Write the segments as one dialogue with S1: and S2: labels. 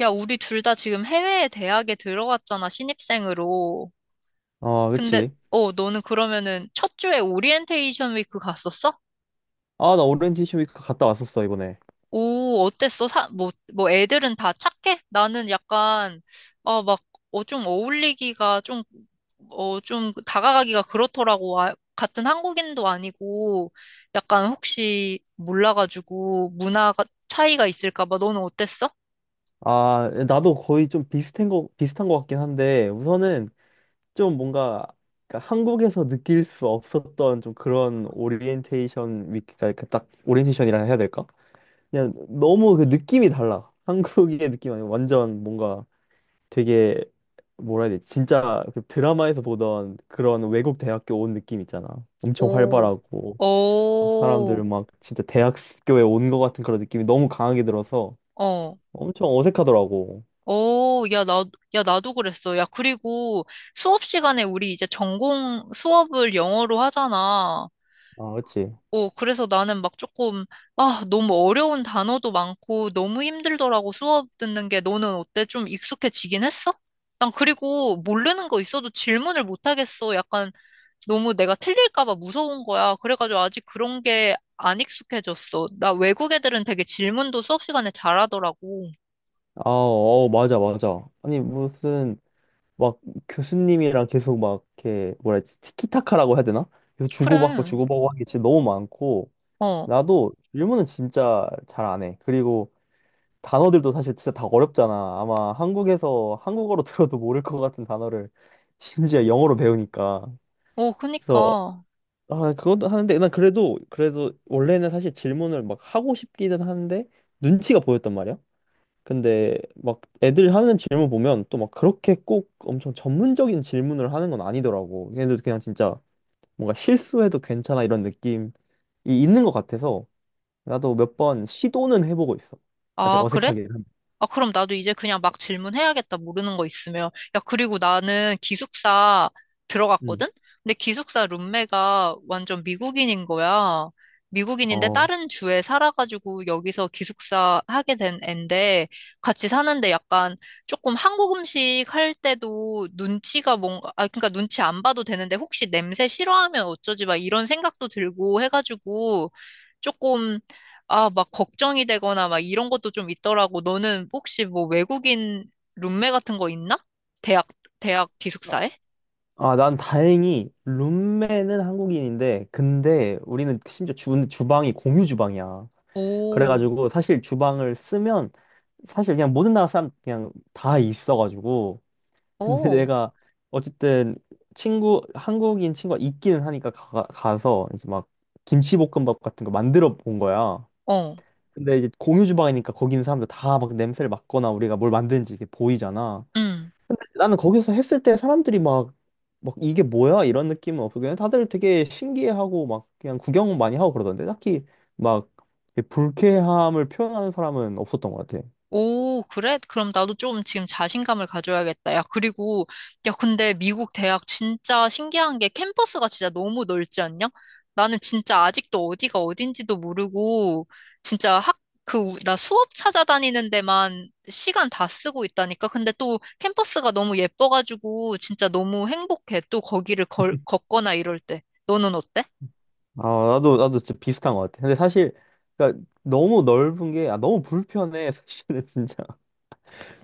S1: 야, 우리 둘 다 지금 해외 대학에 들어갔잖아, 신입생으로.
S2: 아,
S1: 근데,
S2: 그치.
S1: 너는 그러면은 첫 주에 오리엔테이션 위크 갔었어?
S2: 아, 나 오리엔테이션 위크 갔다 왔었어, 이번에.
S1: 오, 어땠어? 뭐 애들은 다 착해? 나는 약간, 어, 막, 좀 어울리기가 좀 다가가기가 그렇더라고. 아, 같은 한국인도 아니고, 약간 혹시 몰라가지고 문화가 차이가 있을까 봐. 너는 어땠어?
S2: 아, 나도 거의 좀 비슷한 거, 비슷한 거 같긴 한데, 우선은 좀 뭔가, 그러니까 한국에서 느낄 수 없었던 좀 그런 오리엔테이션 위크가, 이렇게 딱, 오리엔테이션이라 해야 될까? 그냥 너무 그 느낌이 달라. 한국의 느낌 아니고 완전 뭔가 되게, 뭐라 해야 되지? 진짜 그 드라마에서 보던 그런 외국 대학교 온 느낌 있잖아. 엄청
S1: 오,
S2: 활발하고. 사람들
S1: 오,
S2: 막 진짜 대학교에 온 것 같은 그런 느낌이 너무 강하게 들어서
S1: 어.
S2: 엄청 어색하더라고.
S1: 오, 야, 야, 나도 그랬어. 야, 그리고 수업 시간에 우리 이제 전공 수업을 영어로 하잖아.
S2: 아, 그치.
S1: 오, 그래서 나는 막 조금, 아, 너무 어려운 단어도 많고 너무 힘들더라고 수업 듣는 게. 너는 어때? 좀 익숙해지긴 했어? 난 그리고 모르는 거 있어도 질문을 못 하겠어. 약간 너무 내가 틀릴까 봐 무서운 거야. 그래가지고 아직 그런 게 안 익숙해졌어. 나 외국 애들은 되게 질문도 수업 시간에 잘하더라고.
S2: 아, 어, 맞아, 맞아. 아니, 무슨 막 교수님이랑 계속 막 이렇게 뭐라 해야 지 티키타카라고 해야 되나? 계속 주고받고
S1: 그래.
S2: 주고받고 하는 게 진짜 너무 많고
S1: 어.
S2: 나도 질문은 진짜 잘 안 해. 그리고 단어들도 사실 진짜 다 어렵잖아. 아마 한국에서 한국어로 들어도 모를 것 같은 단어를 심지어 영어로 배우니까.
S1: 오,
S2: 그래서
S1: 그니까.
S2: 아, 그것도 하는데, 난 그래도, 원래는 사실 질문을 막 하고 싶기는 하는데, 눈치가 보였단 말이야. 근데, 막 애들 하는 질문 보면 또 막 그렇게 꼭 엄청 전문적인 질문을 하는 건 아니더라고. 걔네들 그냥 진짜 뭔가 실수해도 괜찮아 이런 느낌이 있는 것 같아서, 나도 몇 번 시도는 해보고 있어. 아직
S1: 아, 그래?
S2: 어색하게.
S1: 아, 그럼 나도 이제 그냥 막 질문해야겠다, 모르는 거 있으면. 야, 그리고 나는 기숙사
S2: 음.
S1: 들어갔거든? 근데 기숙사 룸메가 완전 미국인인 거야. 미국인인데
S2: 어.
S1: 다른 주에 살아가지고 여기서 기숙사 하게 된 앤데 같이 사는데 약간 조금 한국 음식 할 때도 눈치가 뭔가, 아, 그러니까 눈치 안 봐도 되는데 혹시 냄새 싫어하면 어쩌지 막 이런 생각도 들고 해가지고 조금 아, 막 걱정이 되거나 막 이런 것도 좀 있더라고. 너는 혹시 뭐 외국인 룸메 같은 거 있나? 대학, 대학
S2: 아,
S1: 기숙사에?
S2: 난 다행히 룸메는 한국인인데, 근데 우리는 심지어 주, 주방이 공유 주방이야.
S1: 오,
S2: 그래가지고 사실 주방을 쓰면 사실 그냥 모든 나라 사람 그냥 다 있어가지고 근데
S1: 오,
S2: 내가 어쨌든 친구 한국인 친구가 있기는 하니까 가, 가서 이제 막 김치볶음밥 같은 거 만들어 본 거야.
S1: 어,
S2: 근데 이제 공유 주방이니까 거기 있는 사람들 다 막 냄새를 맡거나 우리가 뭘 만드는지 이게 보이잖아.
S1: 응.
S2: 나는 거기서 했을 때 사람들이 막, 막 이게 뭐야? 이런 느낌은 없고 그냥 다들 되게 신기해하고 막 그냥 구경 많이 하고 그러던데 딱히 막 불쾌함을 표현하는 사람은 없었던 것 같아.
S1: 오, 그래? 그럼 나도 좀 지금 자신감을 가져야겠다. 야, 야, 근데 미국 대학 진짜 신기한 게 캠퍼스가 진짜 너무 넓지 않냐? 나는 진짜 아직도 어디가 어딘지도 모르고, 진짜 나 수업 찾아다니는 데만 시간 다 쓰고 있다니까? 근데 또 캠퍼스가 너무 예뻐가지고, 진짜 너무 행복해. 또 거기를 걷거나 이럴 때. 너는 어때?
S2: 아, 나도 진짜 비슷한 것 같아. 근데 사실, 그러니까 너무 넓은 게, 아, 너무 불편해. 사실은 진짜.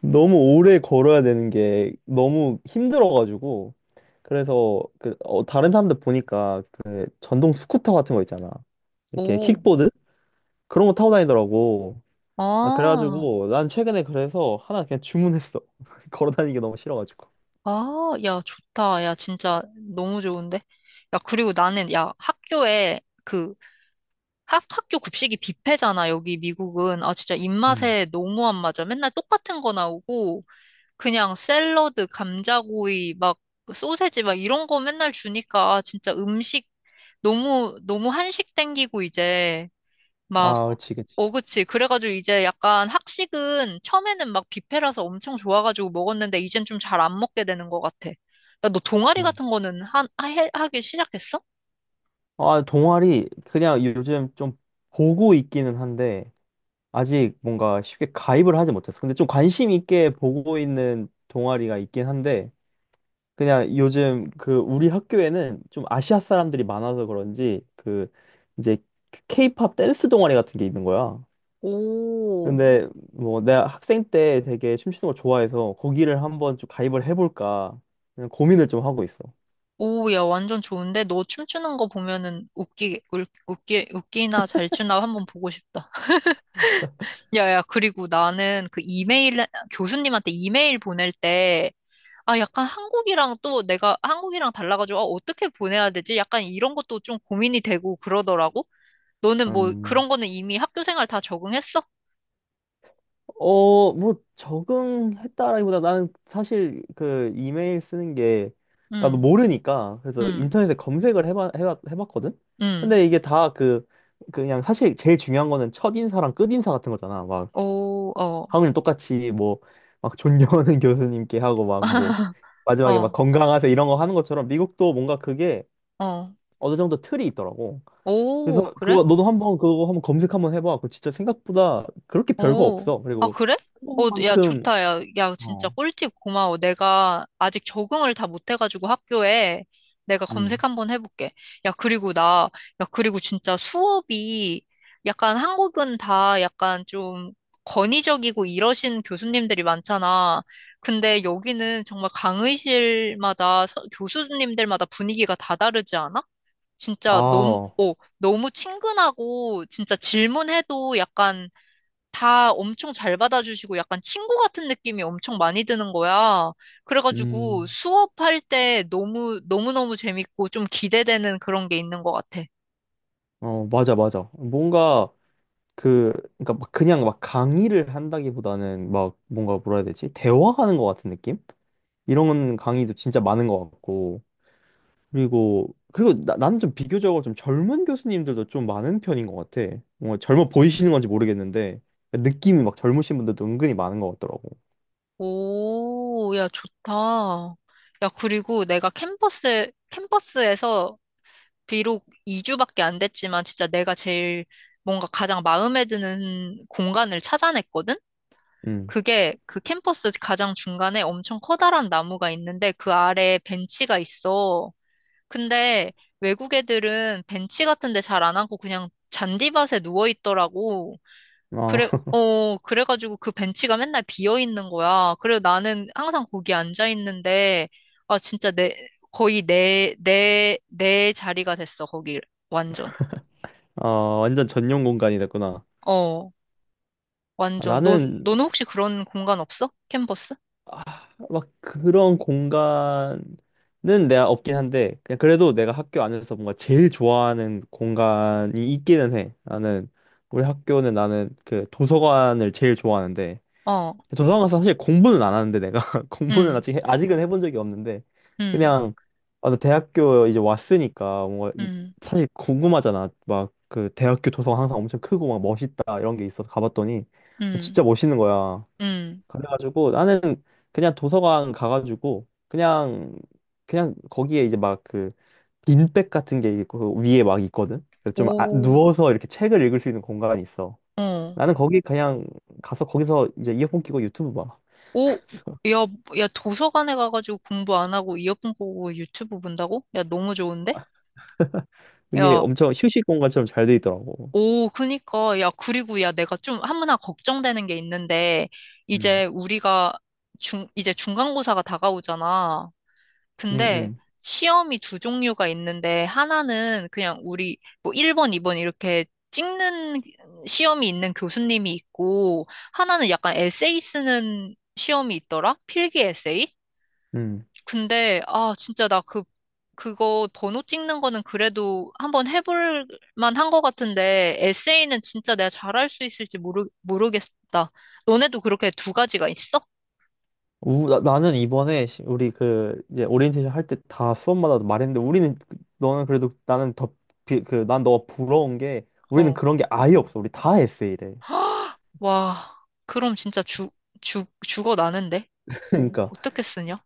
S2: 너무 오래 걸어야 되는 게 너무 힘들어가지고. 그래서 그, 다른 사람들 보니까 그 전동 스쿠터 같은 거 있잖아. 이렇게
S1: 오,
S2: 킥보드? 그런 거 타고 다니더라고. 아,
S1: 아.
S2: 그래가지고 난 최근에 그래서 하나 그냥 주문했어. 걸어 다니기 너무 싫어가지고.
S1: 아, 야, 좋다. 야, 진짜 너무 좋은데? 야, 그리고 야, 학교에 학교 급식이 뷔페잖아, 여기 미국은. 아, 진짜
S2: 음.
S1: 입맛에 너무 안 맞아. 맨날 똑같은 거 나오고, 그냥 샐러드, 감자구이, 막, 소세지, 막 이런 거 맨날 주니까, 아, 진짜 음식 너무, 너무 한식 땡기고, 이제. 막,
S2: 아, 그치, 그치.
S1: 어, 그치. 그래가지고 이제 약간 학식은 처음에는 막 뷔페라서 엄청 좋아가지고 먹었는데 이젠 좀 잘 안 먹게 되는 것 같아. 야, 너 동아리
S2: 음.
S1: 같은 거는 하기 시작했어?
S2: 아, 동아리 그냥 요즘 좀 보고 있기는 한데 아직 뭔가 쉽게 가입을 하지 못했어. 근데 좀 관심 있게 보고 있는 동아리가 있긴 한데 그냥 요즘 그 우리 학교에는 좀 아시아 사람들이 많아서 그런지 그 이제 케이팝 댄스 동아리 같은 게 있는 거야.
S1: 오,
S2: 근데 뭐 내가 학생 때 되게 춤추는 걸 좋아해서 거기를 한번 좀 가입을 해볼까 그냥 고민을 좀 하고 있어.
S1: 오, 야, 완전 좋은데? 너 춤추는 거 보면은 웃기나 잘 추나 한번 보고 싶다. 야, 야, 그리고 나는 그 이메일, 교수님한테 이메일 보낼 때 아, 약간 한국이랑 또 내가 한국이랑 달라가지고, 아, 어떻게 보내야 되지? 약간 이런 것도 좀 고민이 되고 그러더라고. 너는 뭐
S2: 음,
S1: 그런 거는 이미 학교 생활 다 적응했어?
S2: 어, 뭐 적응했다라기보다 나는 사실 그 이메일 쓰는 게 나도
S1: 응,
S2: 모르니까 그래서
S1: 응,
S2: 인터넷에 검색을 해봤거든? 근데
S1: 응.
S2: 이게 다 그 그냥 사실 제일 중요한 거는 첫인사랑 끝인사 같은 거잖아. 막
S1: 오, 어,
S2: 하물며 똑같이 뭐 막 존경하는 교수님께 하고 막 뭐 마지막에 막
S1: 어,
S2: 건강하세요 이런 거 하는 것처럼 미국도 뭔가 그게
S1: 어.
S2: 어느 정도 틀이 있더라고.
S1: 오,
S2: 그래서
S1: 그래?
S2: 그거 너도 한번 그거 한번 검색 한번 해봐. 그거 진짜 생각보다 그렇게 별거
S1: 오,
S2: 없어.
S1: 아,
S2: 그리고
S1: 그래? 어, 야,
S2: 한국만큼
S1: 좋다. 야, 야, 진짜
S2: 어,
S1: 꿀팁 고마워. 내가 아직 적응을 다 못해가지고 학교에 내가 검색
S2: 음,
S1: 한번 해볼게. 야, 그리고 야, 그리고 진짜 수업이 약간 한국은 다 약간 좀 권위적이고 이러신 교수님들이 많잖아. 근데 여기는 정말 강의실마다 교수님들마다 분위기가 다 다르지 않아? 진짜 너무,
S2: 아,
S1: 너무 친근하고 진짜 질문해도 약간 다 엄청 잘 받아주시고 약간 친구 같은 느낌이 엄청 많이 드는 거야. 그래가지고
S2: 음,
S1: 수업할 때 너무, 너무너무 재밌고 좀 기대되는 그런 게 있는 것 같아.
S2: 어, 맞아, 맞아. 뭔가 그, 그러니까 막 그냥 막 강의를 한다기보다는 막 뭔가 뭐라 해야 되지? 대화하는 것 같은 느낌? 이런 강의도 진짜 많은 것 같고. 그리고 나, 나는 좀 비교적으로 좀 젊은 교수님들도 좀 많은 편인 것 같아. 뭔가 젊어 보이시는 건지 모르겠는데 느낌이 막 젊으신 분들도 은근히 많은 것 같더라고.
S1: 오, 야, 좋다. 야, 그리고 내가 캠퍼스에서 비록 2주밖에 안 됐지만 진짜 내가 제일 뭔가 가장 마음에 드는 공간을 찾아냈거든?
S2: 음.
S1: 그게 그 캠퍼스 가장 중간에 엄청 커다란 나무가 있는데 그 아래에 벤치가 있어. 근데 외국 애들은 벤치 같은 데 잘 안 하고 그냥 잔디밭에 누워 있더라고.
S2: 어,
S1: 그래, 어, 그래가지고 그 벤치가 맨날 비어 있는 거야. 그래서 나는 항상 거기 앉아 있는데, 아, 진짜 내, 거의 내 자리가 됐어, 거기. 완전.
S2: 어, 완전 전용 공간이 됐구나.
S1: 어,
S2: 아,
S1: 완전.
S2: 나는
S1: 너는 혹시 그런 공간 없어? 캔버스?
S2: 막 그런 공간은 내가 없긴 한데 그냥 그래도 내가 학교 안에서 뭔가 제일 좋아하는 공간이 있기는 해. 나는 우리 학교는 나는 그 도서관을 제일 좋아하는데
S1: 어,
S2: 도서관 가서 사실 공부는 안 하는데 내가 공부는
S1: 응,
S2: 아직은 해본 적이 없는데
S1: 응,
S2: 그냥 아, 나 대학교 이제 왔으니까 뭔가 이-
S1: 응,
S2: 사실 궁금하잖아. 막 그 대학교 도서관 항상 엄청 크고 막 멋있다 이런 게 있어서 가봤더니
S1: 응,
S2: 진짜 멋있는 거야.
S1: 응.
S2: 그래가지고 나는 그냥 도서관 가가지고 그냥 그냥 거기에 이제 막 그 빈백 같은 게 있고 그 위에 막 있거든. 그래서 좀 아-
S1: 오,
S2: 누워서 이렇게 책을 읽을 수 있는 공간이 있어.
S1: 어.
S2: 나는 거기 그냥 가서 거기서 이제 이어폰 끼고 유튜브 봐.
S1: 오,
S2: 그래서
S1: 야, 야, 도서관에 가가지고 공부 안 하고 이어폰 꽂고 유튜브 본다고? 야, 너무 좋은데?
S2: 이게
S1: 야,
S2: 엄청 휴식 공간처럼 잘 돼 있더라고.
S1: 오, 그니까. 야, 그리고 야, 내가 좀 하나 걱정되는 게 있는데,
S2: 음.
S1: 이제 우리가 이제 중간고사가 다가오잖아.
S2: 음,
S1: 근데
S2: 음,
S1: 시험이 두 종류가 있는데, 하나는 그냥 우리 뭐 1번, 2번 이렇게 찍는 시험이 있는 교수님이 있고, 하나는 약간 에세이 쓰는 시험이 있더라? 필기 에세이?
S2: 음.
S1: 근데, 아, 진짜 나 그거 번호 찍는 거는 그래도 한번 해볼 만한 것 같은데, 에세이는 진짜 내가 잘할 수 있을지 모르겠다. 너네도 그렇게 두 가지가 있어?
S2: 우, 나, 나는 이번에 시- 우리 그 이제 오리엔테이션 할 때 다 수업마다 말했는데 우리는 그- 너는 그래도 나는 더 그 난 너가 부러운 게 우리는
S1: 어.
S2: 그런 게 아예 없어. 우리 다 에세이래.
S1: 와, 그럼 진짜 죽어 나는데? 어,
S2: 그러니까
S1: 어떻게 쓰냐?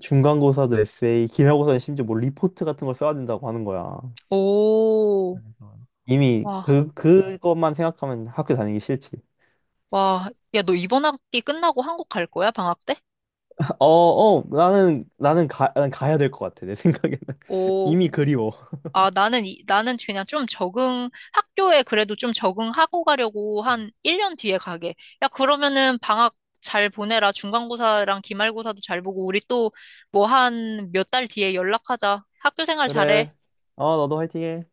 S2: 중간고사도 에세이, 기말고사는 심지어 뭐 리포트 같은 걸 써야 된다고 하는 거야.
S1: 오,
S2: 이미
S1: 와,
S2: 그 그것만 생각하면 학교 다니기 싫지.
S1: 와. 야, 너 이번 학기 끝나고 한국 갈 거야? 방학 때?
S2: 어, 어, 나는, 나는 가, 난 가야 될 것 같아, 내 생각에는.
S1: 오,
S2: 이미 그리워.
S1: 아, 나는 그냥 좀 적응, 학교에 그래도 좀 적응하고 가려고 한 1년 뒤에 가게. 야, 그러면은 방학 잘 보내라. 중간고사랑 기말고사도 잘 보고, 우리 또 뭐 한 몇 달 뒤에 연락하자. 학교 생활 잘해.
S2: 그래. 어, 너도 화이팅해.